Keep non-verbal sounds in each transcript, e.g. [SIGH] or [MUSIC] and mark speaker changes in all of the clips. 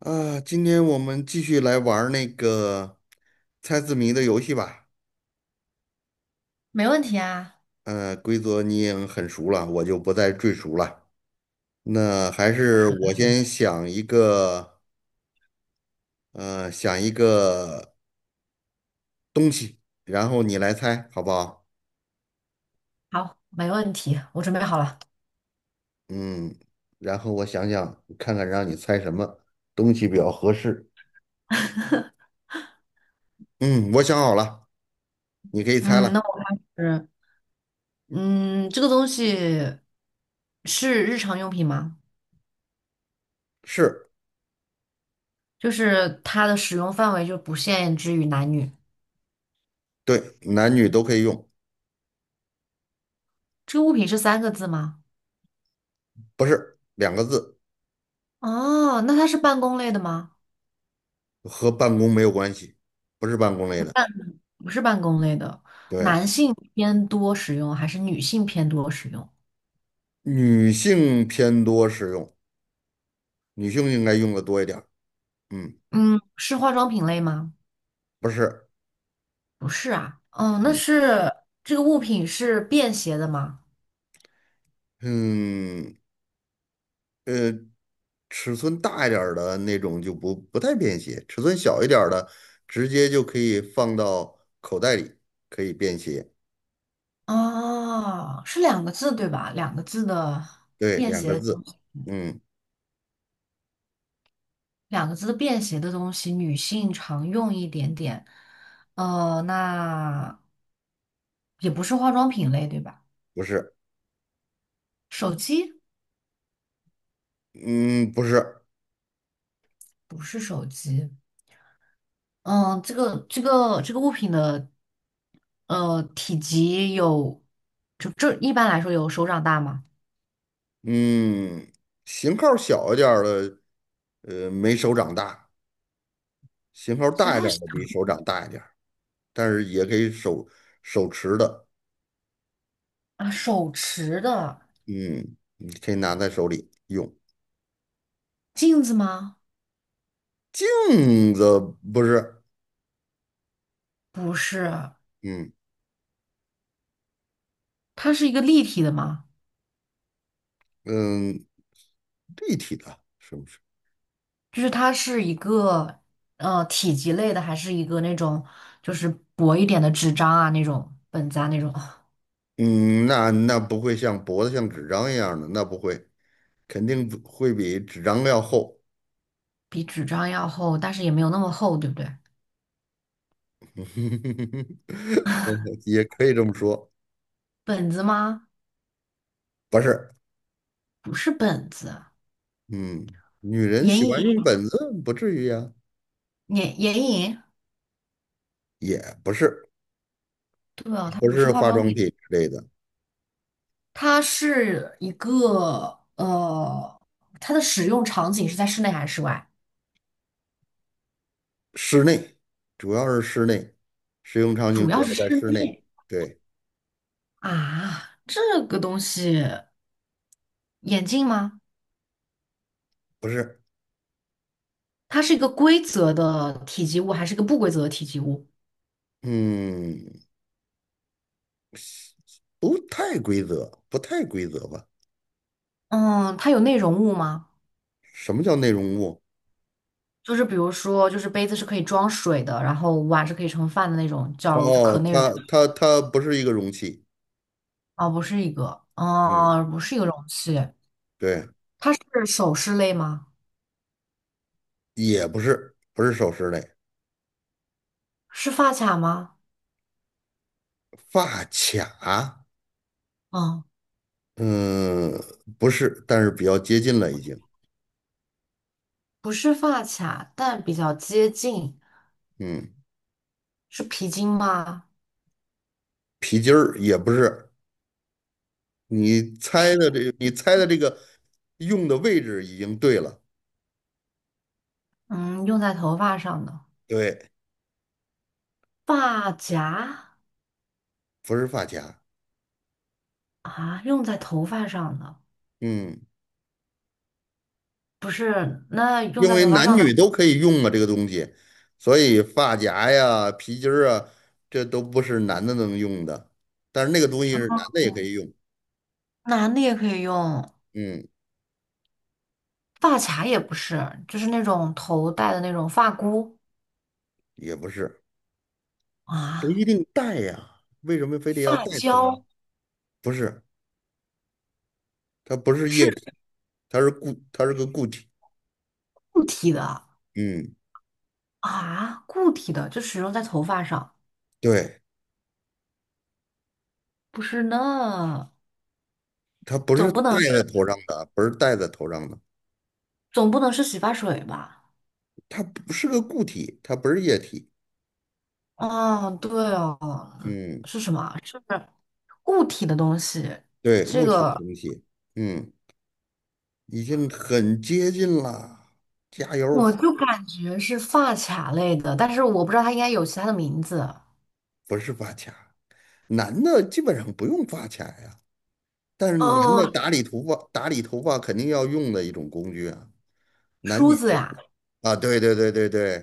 Speaker 1: 啊，今天我们继续来玩儿那个猜字谜的游戏吧。
Speaker 2: 没问题啊。
Speaker 1: 规则你也很熟了，我就不再赘述了。那还是我先想一个，想一个东西，然后你来猜，好不好？
Speaker 2: 好，没问题，我准备好了。
Speaker 1: 嗯，然后我想想，看看让你猜什么东西比较合适。嗯，我想好了，你可以猜
Speaker 2: 嗯，那
Speaker 1: 了。
Speaker 2: 我是，嗯，这个东西是日常用品吗？
Speaker 1: 是，
Speaker 2: 就是它的使用范围就不限制于男女。
Speaker 1: 对，男女都可以用，
Speaker 2: 这个物品是三个字吗？
Speaker 1: 不是两个字，
Speaker 2: 哦，那它是办公类的吗？
Speaker 1: 和办公没有关系，不是办公类的。
Speaker 2: 不是办公类的，
Speaker 1: 对，
Speaker 2: 男性偏多使用还是女性偏多使用？
Speaker 1: 女性偏多使用，女性应该用的多一点儿。嗯，
Speaker 2: 嗯，是化妆品类吗？
Speaker 1: 不是，
Speaker 2: 不是啊。哦，那
Speaker 1: 嗯
Speaker 2: 是这个物品是便携的吗？
Speaker 1: 嗯呃，尺寸大一点儿的那种就不太便携，尺寸小一点儿的直接就可以放到口袋里，可以便携。
Speaker 2: 哦，是两个字对吧？两个字的
Speaker 1: 对，
Speaker 2: 便
Speaker 1: 两个
Speaker 2: 携，
Speaker 1: 字。嗯，
Speaker 2: 两个字的便携的东西，女性常用一点点。那也不是化妆品类对吧？
Speaker 1: 不是，
Speaker 2: 手机
Speaker 1: 嗯不是，
Speaker 2: 不是手机。嗯，这个物品的体积有，就这一般来说有手掌大吗？
Speaker 1: 嗯，型号小一点儿的，没手掌大，型号
Speaker 2: 然
Speaker 1: 大一
Speaker 2: 后
Speaker 1: 点儿的比手掌大一点儿，但是也可以手持的。
Speaker 2: 啊，手持的
Speaker 1: 嗯，你可以拿在手里用。
Speaker 2: 镜子吗？
Speaker 1: 镜子不是，
Speaker 2: 不是，
Speaker 1: 嗯
Speaker 2: 它是一个立体的吗？
Speaker 1: 嗯，立体的，是不是？
Speaker 2: 就是它是一个体积类的，还是一个那种就是薄一点的纸张啊那种本子啊那种，
Speaker 1: 嗯，那不会像脖子像纸张一样的，那不会，肯定不会比纸张要厚。
Speaker 2: 比纸张要厚，但是也没有那么厚，对不对？
Speaker 1: [LAUGHS] 也可以这么说，
Speaker 2: 本子吗？
Speaker 1: 不是，
Speaker 2: 不是本子，
Speaker 1: 嗯，女人
Speaker 2: 眼
Speaker 1: 喜欢
Speaker 2: 影，
Speaker 1: 用本子，不至于呀，
Speaker 2: 眼影，
Speaker 1: 也不是，
Speaker 2: 对哦，它
Speaker 1: 不
Speaker 2: 不是
Speaker 1: 是
Speaker 2: 化
Speaker 1: 化
Speaker 2: 妆
Speaker 1: 妆
Speaker 2: 品，
Speaker 1: 品之类的，
Speaker 2: 它是一个它的使用场景是在室内还是室外？
Speaker 1: 室内，主要是室内，使用场
Speaker 2: 主
Speaker 1: 景主
Speaker 2: 要
Speaker 1: 要
Speaker 2: 是
Speaker 1: 在
Speaker 2: 室
Speaker 1: 室内，
Speaker 2: 内
Speaker 1: 对，
Speaker 2: 啊，这个东西，眼镜吗？
Speaker 1: 不是。
Speaker 2: 它是一个规则的体积物，还是一个不规则的体积物？
Speaker 1: 嗯，不太规则，不太规则吧？
Speaker 2: 嗯，它有内容物吗？
Speaker 1: 什么叫内容物？
Speaker 2: 就是比如说，就是杯子是可以装水的，然后碗是可以盛饭的那种，叫就可
Speaker 1: 哦，
Speaker 2: 内容
Speaker 1: 它
Speaker 2: 的。
Speaker 1: 它它不是一个容器，
Speaker 2: 哦，不是一个，
Speaker 1: 嗯，
Speaker 2: 哦，不是一个容器。
Speaker 1: 对，
Speaker 2: 它是首饰类吗？
Speaker 1: 也不是，不是首饰类，
Speaker 2: 是发卡吗？
Speaker 1: 发卡，
Speaker 2: 嗯，
Speaker 1: 嗯，不是，但是比较接近了已经，
Speaker 2: 不是发卡，但比较接近。
Speaker 1: 嗯，
Speaker 2: 是皮筋吗？
Speaker 1: 皮筋儿也不是，你猜
Speaker 2: 皮，
Speaker 1: 的这，你猜的这个用的位置已经对了，
Speaker 2: 嗯，用在头发上的
Speaker 1: 对，
Speaker 2: 发夹
Speaker 1: 不是发卡，
Speaker 2: 啊，用在头发上的，
Speaker 1: 嗯，
Speaker 2: 不是，那用
Speaker 1: 因
Speaker 2: 在
Speaker 1: 为
Speaker 2: 头发
Speaker 1: 男
Speaker 2: 上
Speaker 1: 女
Speaker 2: 的。
Speaker 1: 都可以用嘛，这个东西，所以发夹呀、皮筋儿啊，这都不是男的能用的。但是那个东西是男的也可以用，
Speaker 2: 男的也可以用，
Speaker 1: 嗯，
Speaker 2: 发卡也不是，就是那种头戴的那种发箍
Speaker 1: 也不是，不
Speaker 2: 啊，
Speaker 1: 一定戴呀，为什么非得要戴
Speaker 2: 发
Speaker 1: 头上？
Speaker 2: 胶
Speaker 1: 不是，它不是液体，
Speaker 2: 是
Speaker 1: 它是个固体。
Speaker 2: 固体的
Speaker 1: 嗯，
Speaker 2: 啊，固体的就使用在头发上，
Speaker 1: 对，
Speaker 2: 不是呢，
Speaker 1: 它不是
Speaker 2: 总不能
Speaker 1: 戴在
Speaker 2: 是
Speaker 1: 头上的，不是戴在头上的，
Speaker 2: 总不能是洗发水吧？
Speaker 1: 它不是个固体，它不是液体。
Speaker 2: 哦，对哦，嗯
Speaker 1: 嗯，
Speaker 2: 是什么？是固体的东西，
Speaker 1: 对，
Speaker 2: 这
Speaker 1: 物体的
Speaker 2: 个
Speaker 1: 东西，嗯，已经很接近了，加
Speaker 2: 我
Speaker 1: 油！
Speaker 2: 就感觉是发卡类的，但是我不知道它应该有其他的名字。
Speaker 1: 不是发卡，男的基本上不用发卡呀，但是男的
Speaker 2: 哦，
Speaker 1: 打理头发，打理头发肯定要用的一种工具啊，男女
Speaker 2: 梳子
Speaker 1: 都
Speaker 2: 呀，
Speaker 1: 啊，对对对对对，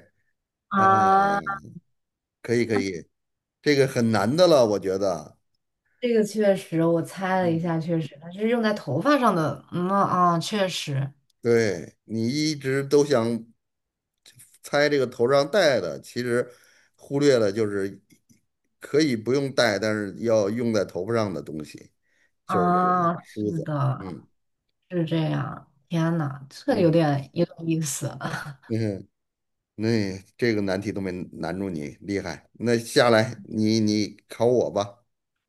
Speaker 1: 啊，
Speaker 2: 啊。
Speaker 1: 可以可以，这个很难的了，我觉得，
Speaker 2: 这个确实，我猜了一
Speaker 1: 嗯，
Speaker 2: 下，确实，它是用在头发上的。嗯啊，确实
Speaker 1: 对你一直都想猜这个头上戴的，其实忽略了就是可以不用戴，但是要用在头发上的东西，就是这个
Speaker 2: 啊，
Speaker 1: 梳
Speaker 2: 是
Speaker 1: 子，
Speaker 2: 的，
Speaker 1: 嗯
Speaker 2: 是这样。天呐，这有
Speaker 1: 嗯
Speaker 2: 点有点意思。[LAUGHS]
Speaker 1: 嗯。那、这个难题都没难住你，厉害。那下来你考我吧，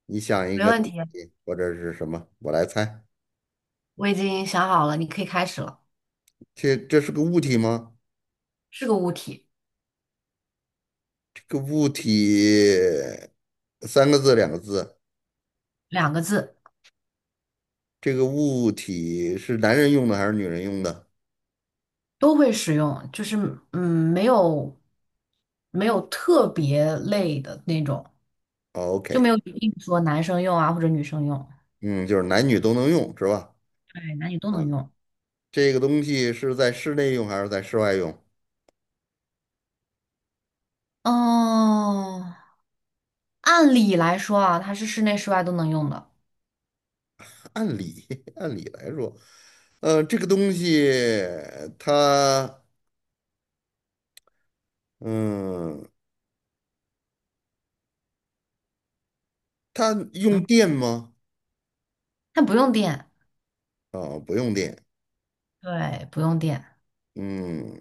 Speaker 1: 你想一
Speaker 2: 没
Speaker 1: 个东
Speaker 2: 问题，
Speaker 1: 西或者是什么，我来猜。
Speaker 2: 我已经想好了，你可以开始了。
Speaker 1: 这这是个物体吗？
Speaker 2: 是个物体，
Speaker 1: 这个物体三个字两个字，
Speaker 2: 两个字，
Speaker 1: 这个物体是男人用的还是女人用的
Speaker 2: 都会使用，就是嗯，没有没有特别类的那种，
Speaker 1: 哦
Speaker 2: 就没
Speaker 1: ？OK，
Speaker 2: 有一定说男生用啊或者女生用，
Speaker 1: 嗯，就是男女都能用是吧？
Speaker 2: 对，男女都能
Speaker 1: 啊，
Speaker 2: 用。
Speaker 1: 这个东西是在室内用还是在室外用？
Speaker 2: 哦，按理来说啊，它是室内室外都能用的，
Speaker 1: 按理 [LAUGHS] 按理来说，这个东西它。嗯，它用
Speaker 2: 嗯，
Speaker 1: 电吗？
Speaker 2: 它不用电，
Speaker 1: 啊，不用电。
Speaker 2: 对，不用电，
Speaker 1: 嗯，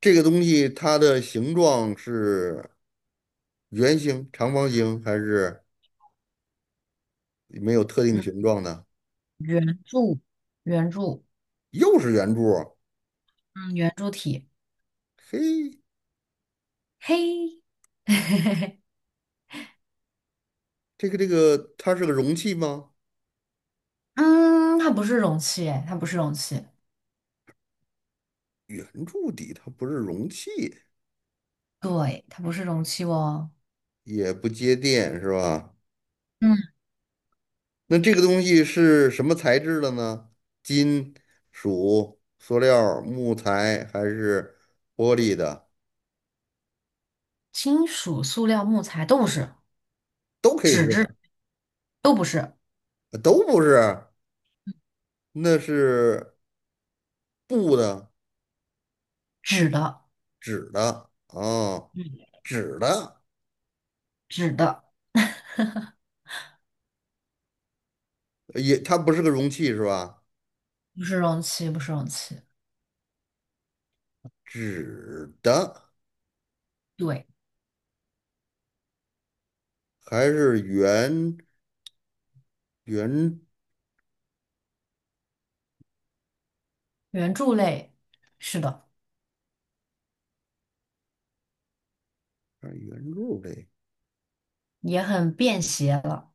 Speaker 1: 这个东西它的形状是圆形、长方形，还是没有特定
Speaker 2: 嗯，
Speaker 1: 形状的？
Speaker 2: 圆柱，圆柱，
Speaker 1: 又是圆柱儿
Speaker 2: 嗯，圆柱体，
Speaker 1: 嘿，
Speaker 2: 嘿，[LAUGHS]
Speaker 1: 它是个容器吗？
Speaker 2: 嗯，它不是容器，哎，它不是容器，
Speaker 1: 圆柱底，它不是容器，
Speaker 2: 对，它不是容器哦，
Speaker 1: 也不接电，是吧？
Speaker 2: 嗯，
Speaker 1: 那这个东西是什么材质的呢？金属、塑料、木材还是玻璃的？
Speaker 2: 金属、塑料、木材都不是，
Speaker 1: 都可以是。
Speaker 2: 纸质都不是，
Speaker 1: 都不是，那是布的、
Speaker 2: 纸的，
Speaker 1: 纸的啊，
Speaker 2: 嗯，
Speaker 1: 纸的
Speaker 2: 纸的，
Speaker 1: 也，它不是个容器是吧？
Speaker 2: 不是容器，不是容器，
Speaker 1: 纸的
Speaker 2: 对，
Speaker 1: 还是圆
Speaker 2: 圆柱类，是的，
Speaker 1: 啊圆柱类，
Speaker 2: 也很便携了，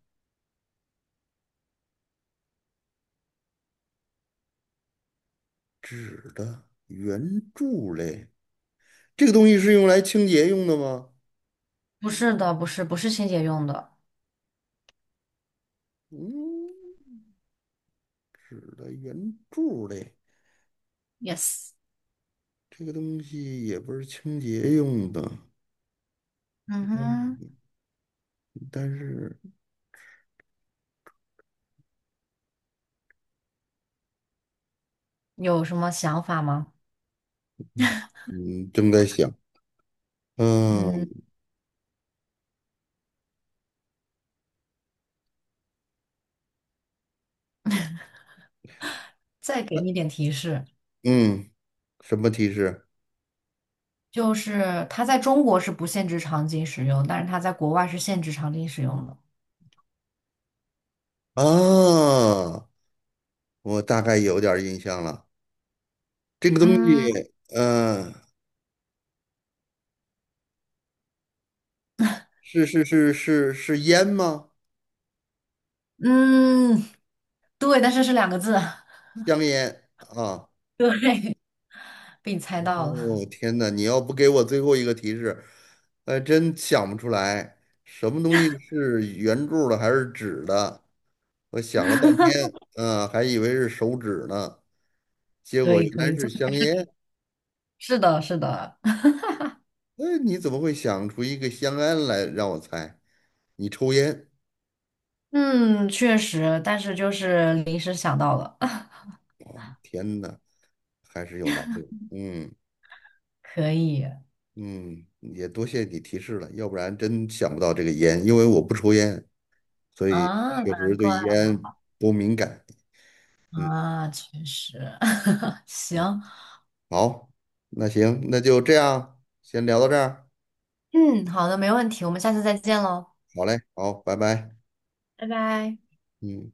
Speaker 1: 纸的圆柱类，这个东西是用来清洁用的吗？
Speaker 2: 不是的，不是，不是清洁用的。
Speaker 1: 嗯，纸的圆柱类，
Speaker 2: Yes,
Speaker 1: 这个东西也不是清洁用的，
Speaker 2: 嗯哼，
Speaker 1: 嗯但是
Speaker 2: 有什么想法吗？
Speaker 1: 嗯，正在想，
Speaker 2: 嗯，
Speaker 1: 嗯
Speaker 2: 再给你点提示，
Speaker 1: 嗯。什么提示？
Speaker 2: 就是它在中国是不限制场景使用，但是它在国外是限制场景使用的。
Speaker 1: 啊，我大概有点儿印象了。这个东
Speaker 2: 嗯，
Speaker 1: 西，嗯、是是烟吗？
Speaker 2: 嗯，对，但是是两个字。[LAUGHS]
Speaker 1: 香烟啊。
Speaker 2: 对，被你猜到
Speaker 1: 哦，
Speaker 2: 了，
Speaker 1: 天哪！你要不给我最后一个提示，还真想不出来，什么东西是圆柱的还是纸的？我想了半天，嗯、还以为是手指呢，结
Speaker 2: 可
Speaker 1: 果
Speaker 2: 以
Speaker 1: 原
Speaker 2: 可
Speaker 1: 来
Speaker 2: 以，[LAUGHS]
Speaker 1: 是
Speaker 2: 这
Speaker 1: 香烟。
Speaker 2: 是的，是的，[LAUGHS]
Speaker 1: 哎，你怎么会想出一个香烟来让我猜？你抽烟？
Speaker 2: 嗯，确实，但是就是临时想到了，[LAUGHS]
Speaker 1: 天哪！还是有难度。嗯
Speaker 2: 可以
Speaker 1: 嗯，也多谢你提示了，要不然真想不到这个烟，因为我不抽烟，所以
Speaker 2: 啊，
Speaker 1: 确实
Speaker 2: 难
Speaker 1: 对
Speaker 2: 怪
Speaker 1: 烟不敏感。嗯
Speaker 2: 啊，确实，[LAUGHS]
Speaker 1: 嗯，
Speaker 2: 行，
Speaker 1: 好，那行，那就这样，先聊到这儿。
Speaker 2: 嗯，好的，没问题，我们下次再见喽。
Speaker 1: 好嘞，好，拜拜。
Speaker 2: 拜拜。
Speaker 1: 嗯。